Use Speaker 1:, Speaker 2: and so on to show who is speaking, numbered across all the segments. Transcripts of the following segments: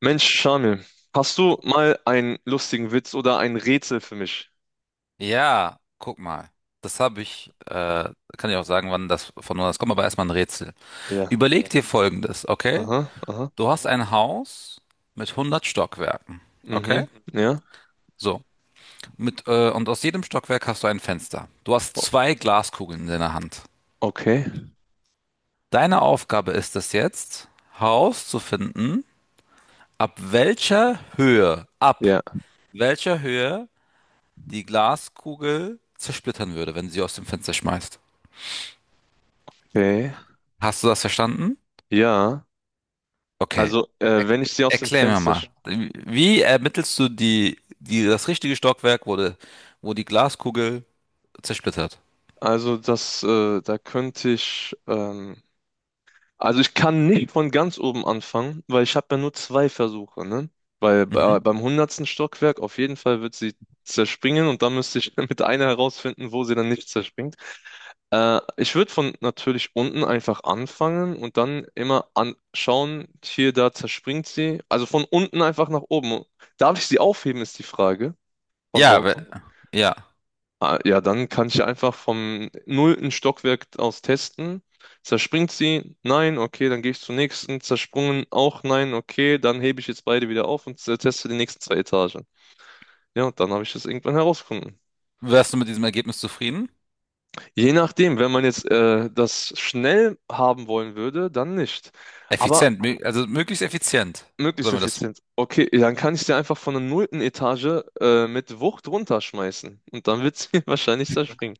Speaker 1: Mensch, Shamil, hast du mal einen lustigen Witz oder ein Rätsel für mich?
Speaker 2: Ja, guck mal. Das habe ich, kann ich auch sagen, wann das kommt, aber erstmal ein Rätsel.
Speaker 1: Ja.
Speaker 2: Überleg, okay, dir Folgendes, okay?
Speaker 1: Aha, aha.
Speaker 2: Du hast ein Haus mit 100 Stockwerken, okay?
Speaker 1: Mhm. Ja.
Speaker 2: So, und aus jedem Stockwerk hast du ein Fenster. Du hast
Speaker 1: O
Speaker 2: zwei Glaskugeln in deiner Hand.
Speaker 1: okay.
Speaker 2: Deine Aufgabe ist es jetzt, herauszufinden, ab welcher Höhe, ab
Speaker 1: Ja.
Speaker 2: welcher Höhe die Glaskugel zersplittern würde, wenn du sie aus dem Fenster schmeißt.
Speaker 1: Okay.
Speaker 2: Hast du das verstanden?
Speaker 1: Ja.
Speaker 2: Okay.
Speaker 1: Also,
Speaker 2: Er
Speaker 1: wenn ich sie aus dem
Speaker 2: erklär mir
Speaker 1: Fenster.
Speaker 2: mal. Wie ermittelst du das richtige Stockwerk, wo die Glaskugel zersplittert?
Speaker 1: Also, das, da könnte ich. Also, ich kann nicht von ganz oben anfangen, weil ich habe ja nur zwei Versuche, ne? Weil bei,
Speaker 2: Mhm.
Speaker 1: beim hundertsten Stockwerk auf jeden Fall wird sie zerspringen und dann müsste ich mit einer herausfinden, wo sie dann nicht zerspringt. Ich würde von natürlich unten einfach anfangen und dann immer anschauen, hier, da zerspringt sie. Also von unten einfach nach oben. Darf ich sie aufheben, ist die Frage von
Speaker 2: Ja,
Speaker 1: draußen.
Speaker 2: ja.
Speaker 1: Ah, ja, dann kann ich einfach vom nullten Stockwerk aus testen. Zerspringt sie? Nein, okay, dann gehe ich zur nächsten. Zersprungen auch nein, okay, dann hebe ich jetzt beide wieder auf und teste die nächsten zwei Etagen. Ja, und dann habe ich das irgendwann herausgefunden.
Speaker 2: Wärst du mit diesem Ergebnis zufrieden?
Speaker 1: Je nachdem, wenn man jetzt das schnell haben wollen würde, dann nicht. Aber
Speaker 2: Effizient, also möglichst effizient.
Speaker 1: möglichst
Speaker 2: Sollen wir das?
Speaker 1: effizient. Okay, dann kann ich sie einfach von der nullten Etage mit Wucht runterschmeißen. Und dann wird sie wahrscheinlich zerspringen.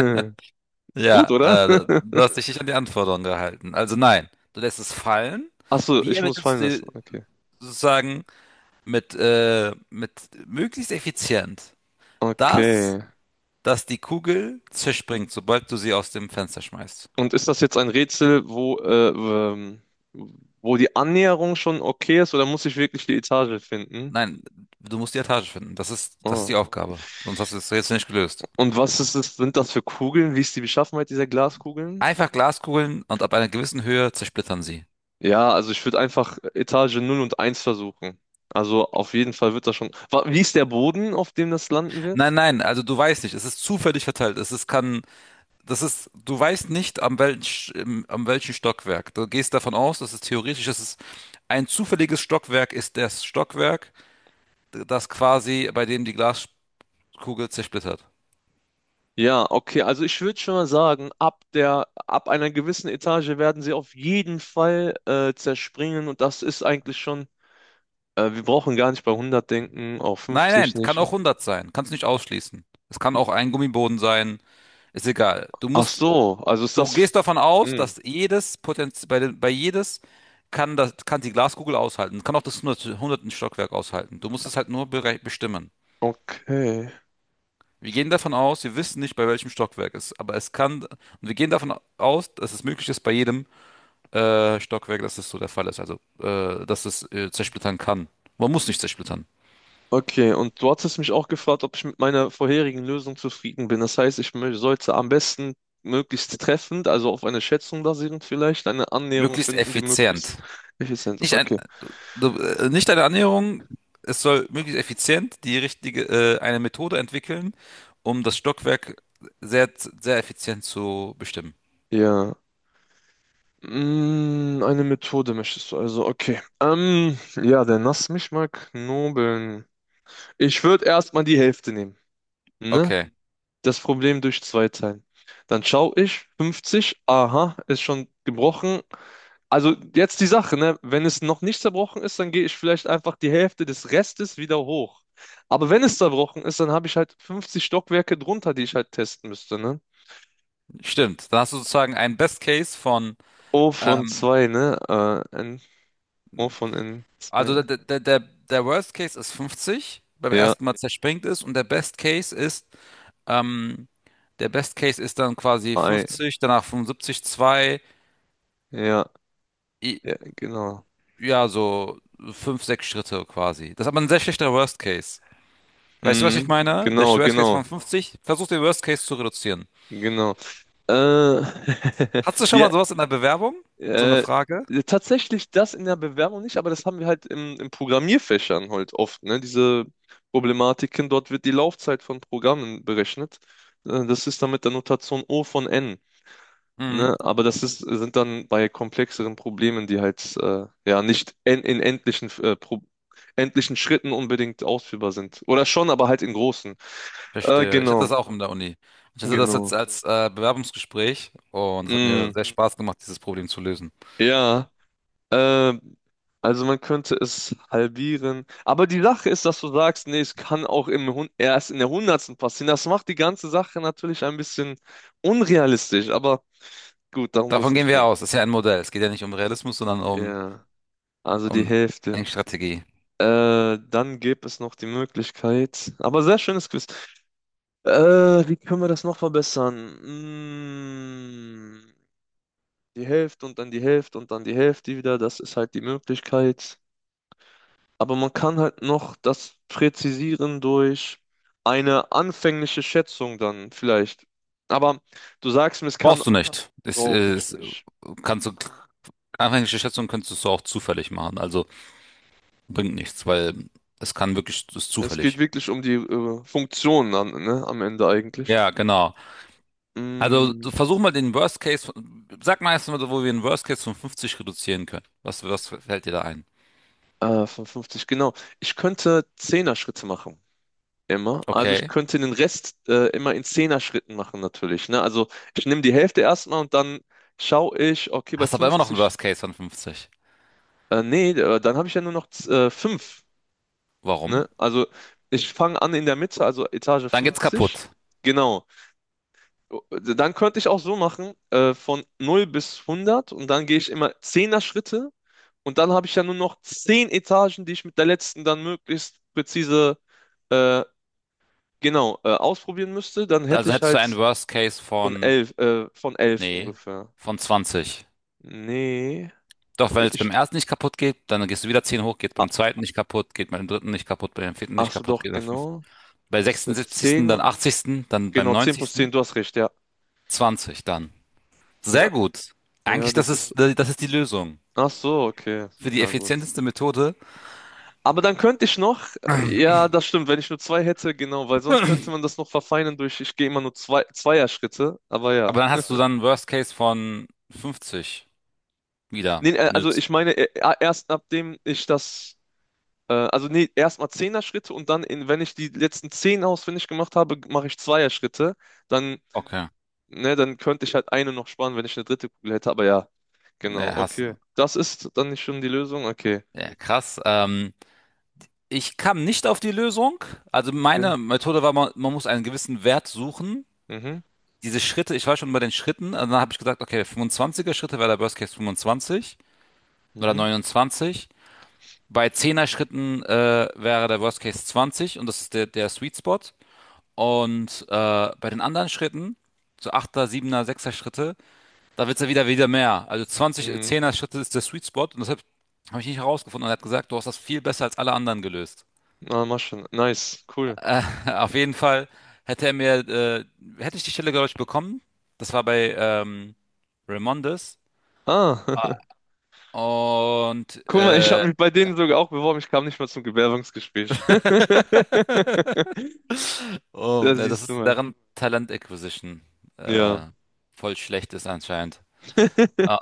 Speaker 1: Hm.
Speaker 2: Ja,
Speaker 1: Gut, oder?
Speaker 2: du hast dich nicht an die Anforderungen gehalten. Also nein, du lässt es fallen.
Speaker 1: Achso,
Speaker 2: Wie
Speaker 1: ich muss
Speaker 2: ermittelst
Speaker 1: fallen
Speaker 2: du
Speaker 1: lassen. Okay.
Speaker 2: sozusagen mit möglichst effizient das,
Speaker 1: Okay.
Speaker 2: dass die Kugel zerspringt, sobald du sie aus dem Fenster schmeißt.
Speaker 1: Und ist das jetzt ein Rätsel, wo die Annäherung schon okay ist, oder muss ich wirklich die Etage finden?
Speaker 2: Nein, du musst die Etage finden. Das ist
Speaker 1: Oh.
Speaker 2: die Aufgabe. Sonst hast du es jetzt nicht gelöst.
Speaker 1: Und was ist es, sind das für Kugeln? Wie ist die Beschaffenheit dieser Glaskugeln?
Speaker 2: Einfach Glaskugeln und ab einer gewissen Höhe zersplittern sie.
Speaker 1: Ja, also ich würde einfach Etage null und eins versuchen. Also auf jeden Fall wird das schon. Wie ist der Boden, auf dem das landen
Speaker 2: Nein,
Speaker 1: wird?
Speaker 2: nein, also du weißt nicht, es ist zufällig verteilt. Du weißt nicht am welchen Stockwerk. Du gehst davon aus, dass es ein zufälliges Stockwerk ist, das Stockwerk, das quasi, bei dem die Glaskugel zersplittert.
Speaker 1: Ja, okay, also ich würde schon mal sagen, ab einer gewissen Etage werden sie auf jeden Fall zerspringen und das ist eigentlich schon, wir brauchen gar nicht bei 100 denken, auf
Speaker 2: Nein,
Speaker 1: 50
Speaker 2: nein, kann
Speaker 1: nicht.
Speaker 2: auch 100 sein. Kannst nicht ausschließen. Es kann auch ein Gummiboden sein. Ist egal.
Speaker 1: Ach so, also ist
Speaker 2: Du
Speaker 1: das,
Speaker 2: gehst davon aus,
Speaker 1: hm,
Speaker 2: dass jedes Potenz bei jedes kann die Glaskugel aushalten. Kann auch das 100 hundertsten Stockwerk aushalten. Du musst es halt nur bestimmen.
Speaker 1: okay.
Speaker 2: Wir gehen davon aus, wir wissen nicht, bei welchem Stockwerk es ist, aber und wir gehen davon aus, dass es möglich ist, bei jedem Stockwerk, dass es so der Fall ist. Also, dass es zersplittern kann. Man muss nicht zersplittern.
Speaker 1: Okay, und du hattest mich auch gefragt, ob ich mit meiner vorherigen Lösung zufrieden bin. Das heißt, ich sollte am besten möglichst treffend, also auf eine Schätzung basierend vielleicht, eine Annäherung
Speaker 2: Möglichst
Speaker 1: finden, die möglichst
Speaker 2: effizient.
Speaker 1: effizient ist.
Speaker 2: Nicht ein,
Speaker 1: Okay.
Speaker 2: nicht eine Annäherung. Es soll möglichst effizient eine Methode entwickeln, um das Stockwerk sehr, sehr effizient zu bestimmen.
Speaker 1: Ja. Eine Methode möchtest du also. Okay. Ja, dann lass mich mal knobeln. Ich würde erstmal die Hälfte nehmen. Ne?
Speaker 2: Okay,
Speaker 1: Das Problem durch zwei teilen. Dann schaue ich, 50, aha, ist schon gebrochen. Also jetzt die Sache, ne? Wenn es noch nicht zerbrochen ist, dann gehe ich vielleicht einfach die Hälfte des Restes wieder hoch. Aber wenn es zerbrochen ist, dann habe ich halt 50 Stockwerke drunter, die ich halt testen müsste, ne?
Speaker 2: stimmt. Dann hast du sozusagen einen Best Case von,
Speaker 1: O von
Speaker 2: ähm,
Speaker 1: zwei, ne? N, O von n zwei.
Speaker 2: also
Speaker 1: Ne?
Speaker 2: der Worst Case ist 50, beim
Speaker 1: Ja,
Speaker 2: ersten Mal zerspringt es und ähm, der Best Case ist dann quasi
Speaker 1: I,
Speaker 2: 50, danach 75, 2
Speaker 1: ja,
Speaker 2: i-
Speaker 1: ja, genau.
Speaker 2: ja, so 5 6 Schritte quasi. Das ist aber ein sehr schlechter Worst Case. Weißt du, was ich
Speaker 1: Hm,
Speaker 2: meine? Der
Speaker 1: genau,
Speaker 2: Worst Case
Speaker 1: genau,
Speaker 2: von 50, versuch den Worst Case zu reduzieren.
Speaker 1: genau. Äh,
Speaker 2: Hast du schon
Speaker 1: ja,
Speaker 2: mal sowas in der Bewerbung? So eine
Speaker 1: Äh,
Speaker 2: Frage?
Speaker 1: tatsächlich das in der Bewerbung nicht, aber das haben wir halt im Programmierfächern halt oft, ne? Diese Problematiken, dort wird die Laufzeit von Programmen berechnet. Das ist dann mit der Notation O von N,
Speaker 2: Mhm,
Speaker 1: ne? Aber das ist, sind dann bei komplexeren Problemen, die halt ja nicht en in endlichen, Pro endlichen Schritten unbedingt ausführbar sind. Oder schon, aber halt in großen.
Speaker 2: verstehe. Ich hatte
Speaker 1: Genau,
Speaker 2: das auch in der Uni. Ich hatte das jetzt
Speaker 1: genau.
Speaker 2: als Bewerbungsgespräch und es hat mir
Speaker 1: Mm,
Speaker 2: sehr Spaß gemacht, dieses Problem zu lösen.
Speaker 1: ja. Ähm, also man könnte es halbieren. Aber die Sache ist, dass du sagst, nee, es kann auch im Hun erst in der Hundertsten passieren. Das macht die ganze Sache natürlich ein bisschen unrealistisch. Aber gut, darum soll es
Speaker 2: Davon gehen
Speaker 1: nicht
Speaker 2: wir
Speaker 1: gehen.
Speaker 2: aus. Das ist ja ein Modell. Es geht ja nicht um Realismus, sondern um,
Speaker 1: Ja, also die
Speaker 2: um
Speaker 1: Hälfte.
Speaker 2: Denkstrategie.
Speaker 1: Dann gäbe es noch die Möglichkeit. Aber sehr schönes Quiz. Äh, Wie können wir das noch verbessern? Mm, Die Hälfte und dann die Hälfte und dann die Hälfte wieder. Das ist halt die Möglichkeit. Aber man kann halt noch das präzisieren durch eine anfängliche Schätzung dann vielleicht. Aber du sagst mir, es kann,
Speaker 2: Brauchst du nicht. Das
Speaker 1: brauche ich
Speaker 2: ist,
Speaker 1: nicht.
Speaker 2: kannst du, anfängliche Schätzungen kannst du so auch zufällig machen. Also bringt nichts, weil es ist
Speaker 1: Es geht
Speaker 2: zufällig.
Speaker 1: wirklich um die Funktionen an, ne, am Ende eigentlich.
Speaker 2: Ja, genau. Also
Speaker 1: Mm,
Speaker 2: versuch mal den Worst Case, sag mal erst mal, so, wo wir den Worst Case von 50 reduzieren können. Was fällt dir da ein?
Speaker 1: 55, genau. Ich könnte Zehner-Schritte machen. Immer. Also ich
Speaker 2: Okay.
Speaker 1: könnte den Rest immer in Zehner-Schritten machen natürlich. Ne? Also ich nehme die Hälfte erstmal und dann schaue ich, okay, bei
Speaker 2: Hast aber immer noch einen
Speaker 1: 50.
Speaker 2: Worst Case von 50.
Speaker 1: Nee, dann habe ich ja nur noch 5.
Speaker 2: Warum?
Speaker 1: Ne? Also ich fange an in der Mitte, also Etage
Speaker 2: Dann geht's
Speaker 1: 50.
Speaker 2: kaputt.
Speaker 1: Genau. Dann könnte ich auch so machen, von 0 bis 100 und dann gehe ich immer 10 Schritte und dann habe ich ja nur noch 10 Etagen, die ich mit der letzten dann möglichst präzise äh, genau ausprobieren müsste. Dann hätte
Speaker 2: Also
Speaker 1: ich
Speaker 2: hättest du
Speaker 1: halt
Speaker 2: einen Worst Case
Speaker 1: von
Speaker 2: von,
Speaker 1: elf äh, von elf
Speaker 2: nee,
Speaker 1: ungefähr.
Speaker 2: von 20.
Speaker 1: Nee,
Speaker 2: Doch, wenn es beim
Speaker 1: ich,
Speaker 2: ersten nicht kaputt geht, dann gehst du wieder 10 hoch, geht
Speaker 1: ah,
Speaker 2: beim zweiten nicht kaputt, geht beim dritten nicht kaputt, beim vierten
Speaker 1: ach
Speaker 2: nicht
Speaker 1: so
Speaker 2: kaputt,
Speaker 1: doch,
Speaker 2: geht beim fünften.
Speaker 1: genau.
Speaker 2: Bei
Speaker 1: Das sind
Speaker 2: 76.,
Speaker 1: 10
Speaker 2: dann 80., dann beim
Speaker 1: genau, 10 plus
Speaker 2: 90.,
Speaker 1: 10. Du hast recht, ja.
Speaker 2: 20 dann.
Speaker 1: Ja,
Speaker 2: Sehr gut.
Speaker 1: ja,
Speaker 2: Eigentlich, das
Speaker 1: das ist.
Speaker 2: ist, das ist die Lösung.
Speaker 1: Ach so, okay.
Speaker 2: Für die
Speaker 1: Na gut.
Speaker 2: effizienteste Methode.
Speaker 1: Aber dann könnte ich noch, ja, das stimmt, wenn ich nur zwei hätte, genau, weil sonst
Speaker 2: Aber
Speaker 1: könnte man das noch verfeinern durch, ich gehe immer nur zwei, Zweierschritte, aber ja.
Speaker 2: dann hast du dann einen Worst Case von 50 wieder.
Speaker 1: Nee,
Speaker 2: Wenn du
Speaker 1: also ich meine, erst nachdem ich das, also nee, erstmal Zehner-Schritte und dann, wenn ich die letzten 10 ausfindig gemacht habe, mache ich Zweierschritte, dann,
Speaker 2: Okay.
Speaker 1: ne, dann könnte ich halt eine noch sparen, wenn ich eine dritte Kugel hätte, aber ja, genau,
Speaker 2: Ja,
Speaker 1: okay. Das ist dann nicht schon die Lösung? Okay,
Speaker 2: ja, krass. Ich kam nicht auf die Lösung. Also
Speaker 1: okay.
Speaker 2: meine Methode war, man muss einen gewissen Wert suchen.
Speaker 1: Mhm,
Speaker 2: Diese Schritte, ich war schon bei den Schritten. Also dann habe ich gesagt, okay, 25er Schritte wäre der Worst Case 25 oder
Speaker 1: mhm,
Speaker 2: 29. Bei Zehner Schritten wäre der Worst Case 20 und das ist der Sweet Spot. Und bei den anderen Schritten, so Achter, Siebener, Sechser Schritte, da wird's ja wieder mehr. Also 20
Speaker 1: mhm.
Speaker 2: Zehner Schritte ist der Sweet Spot und deshalb habe ich nicht herausgefunden. Und er hat gesagt, du hast das viel besser als alle anderen gelöst.
Speaker 1: Na, mach schon. Nice, cool.
Speaker 2: Auf jeden Fall hätte er mir, äh, hätte ich die Stelle, glaube ich, bekommen. Das war bei Raimondes.
Speaker 1: Ah,
Speaker 2: Und
Speaker 1: guck mal, ich habe mich bei denen sogar auch beworben. Ich kam nicht mal zum Bewerbungsgespräch.
Speaker 2: oh,
Speaker 1: Da
Speaker 2: ja, das
Speaker 1: siehst du
Speaker 2: ist
Speaker 1: mal.
Speaker 2: deren Talent Acquisition
Speaker 1: Ja.
Speaker 2: äh, voll schlecht, ist anscheinend. Ah,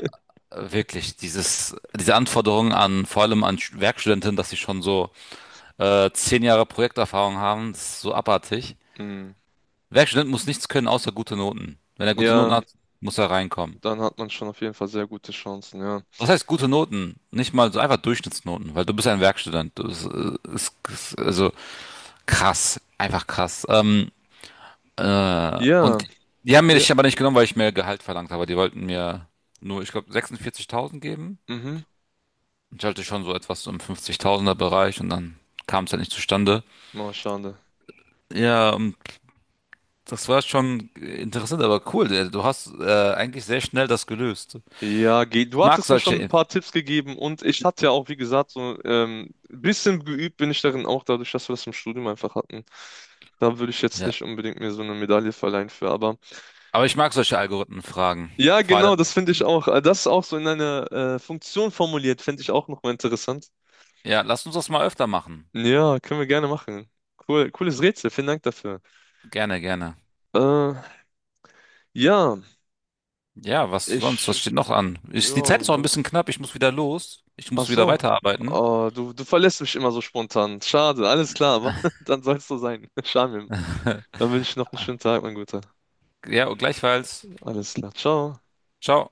Speaker 2: wirklich, diese Anforderungen an, vor allem an Werkstudentinnen, dass sie schon so 10 Jahre Projekterfahrung haben, das ist so abartig.
Speaker 1: Hm.
Speaker 2: Werkstudent muss nichts können außer gute Noten. Wenn er gute Noten
Speaker 1: Ja,
Speaker 2: hat, muss er reinkommen.
Speaker 1: dann hat man schon auf jeden Fall sehr gute Chancen, ja.
Speaker 2: Was heißt gute Noten? Nicht mal so einfach Durchschnittsnoten, weil du bist ja ein Werkstudent. Das ist also krass, einfach krass. Ähm, äh,
Speaker 1: Ja,
Speaker 2: und die haben mir
Speaker 1: ja,
Speaker 2: dich aber nicht genommen, weil ich mehr Gehalt verlangt habe. Die wollten mir nur, ich glaube, 46.000 geben.
Speaker 1: mhm.
Speaker 2: Ich hatte schon so etwas im 50.000er Bereich und dann kam es halt nicht zustande.
Speaker 1: Oh, schade.
Speaker 2: Ja, und das war schon interessant, aber cool. Du hast eigentlich sehr schnell das gelöst.
Speaker 1: Ja,
Speaker 2: Ich
Speaker 1: du
Speaker 2: mag
Speaker 1: hattest mir schon ein
Speaker 2: solche,
Speaker 1: paar Tipps gegeben und ich hatte ja auch, wie gesagt, so ein bisschen geübt bin ich darin auch, dadurch, dass wir das im Studium einfach hatten. Da würde ich jetzt
Speaker 2: ja.
Speaker 1: nicht unbedingt mir so eine Medaille verleihen für, aber
Speaker 2: Aber ich mag solche Algorithmenfragen.
Speaker 1: ja,
Speaker 2: Vor
Speaker 1: genau,
Speaker 2: allem,
Speaker 1: das finde ich auch. Das auch so in einer Funktion formuliert, finde ich auch nochmal interessant.
Speaker 2: ja, lass uns das mal öfter machen.
Speaker 1: Ja, können wir gerne machen. Cool, cooles Rätsel, vielen Dank dafür.
Speaker 2: Gerne, gerne.
Speaker 1: Äh, ja,
Speaker 2: Ja, was sonst? Was
Speaker 1: ich,
Speaker 2: steht noch an?
Speaker 1: ja,
Speaker 2: Die Zeit ist auch ein bisschen
Speaker 1: sonst,
Speaker 2: knapp. Ich muss wieder los. Ich
Speaker 1: ach
Speaker 2: muss wieder
Speaker 1: so,
Speaker 2: weiterarbeiten.
Speaker 1: oh, du verlässt mich immer so spontan. Schade, alles klar, aber dann soll es so sein. Schade, dann wünsche ich noch einen schönen Tag, mein Guter.
Speaker 2: Ja, und gleichfalls.
Speaker 1: Alles klar, ciao.
Speaker 2: Ciao.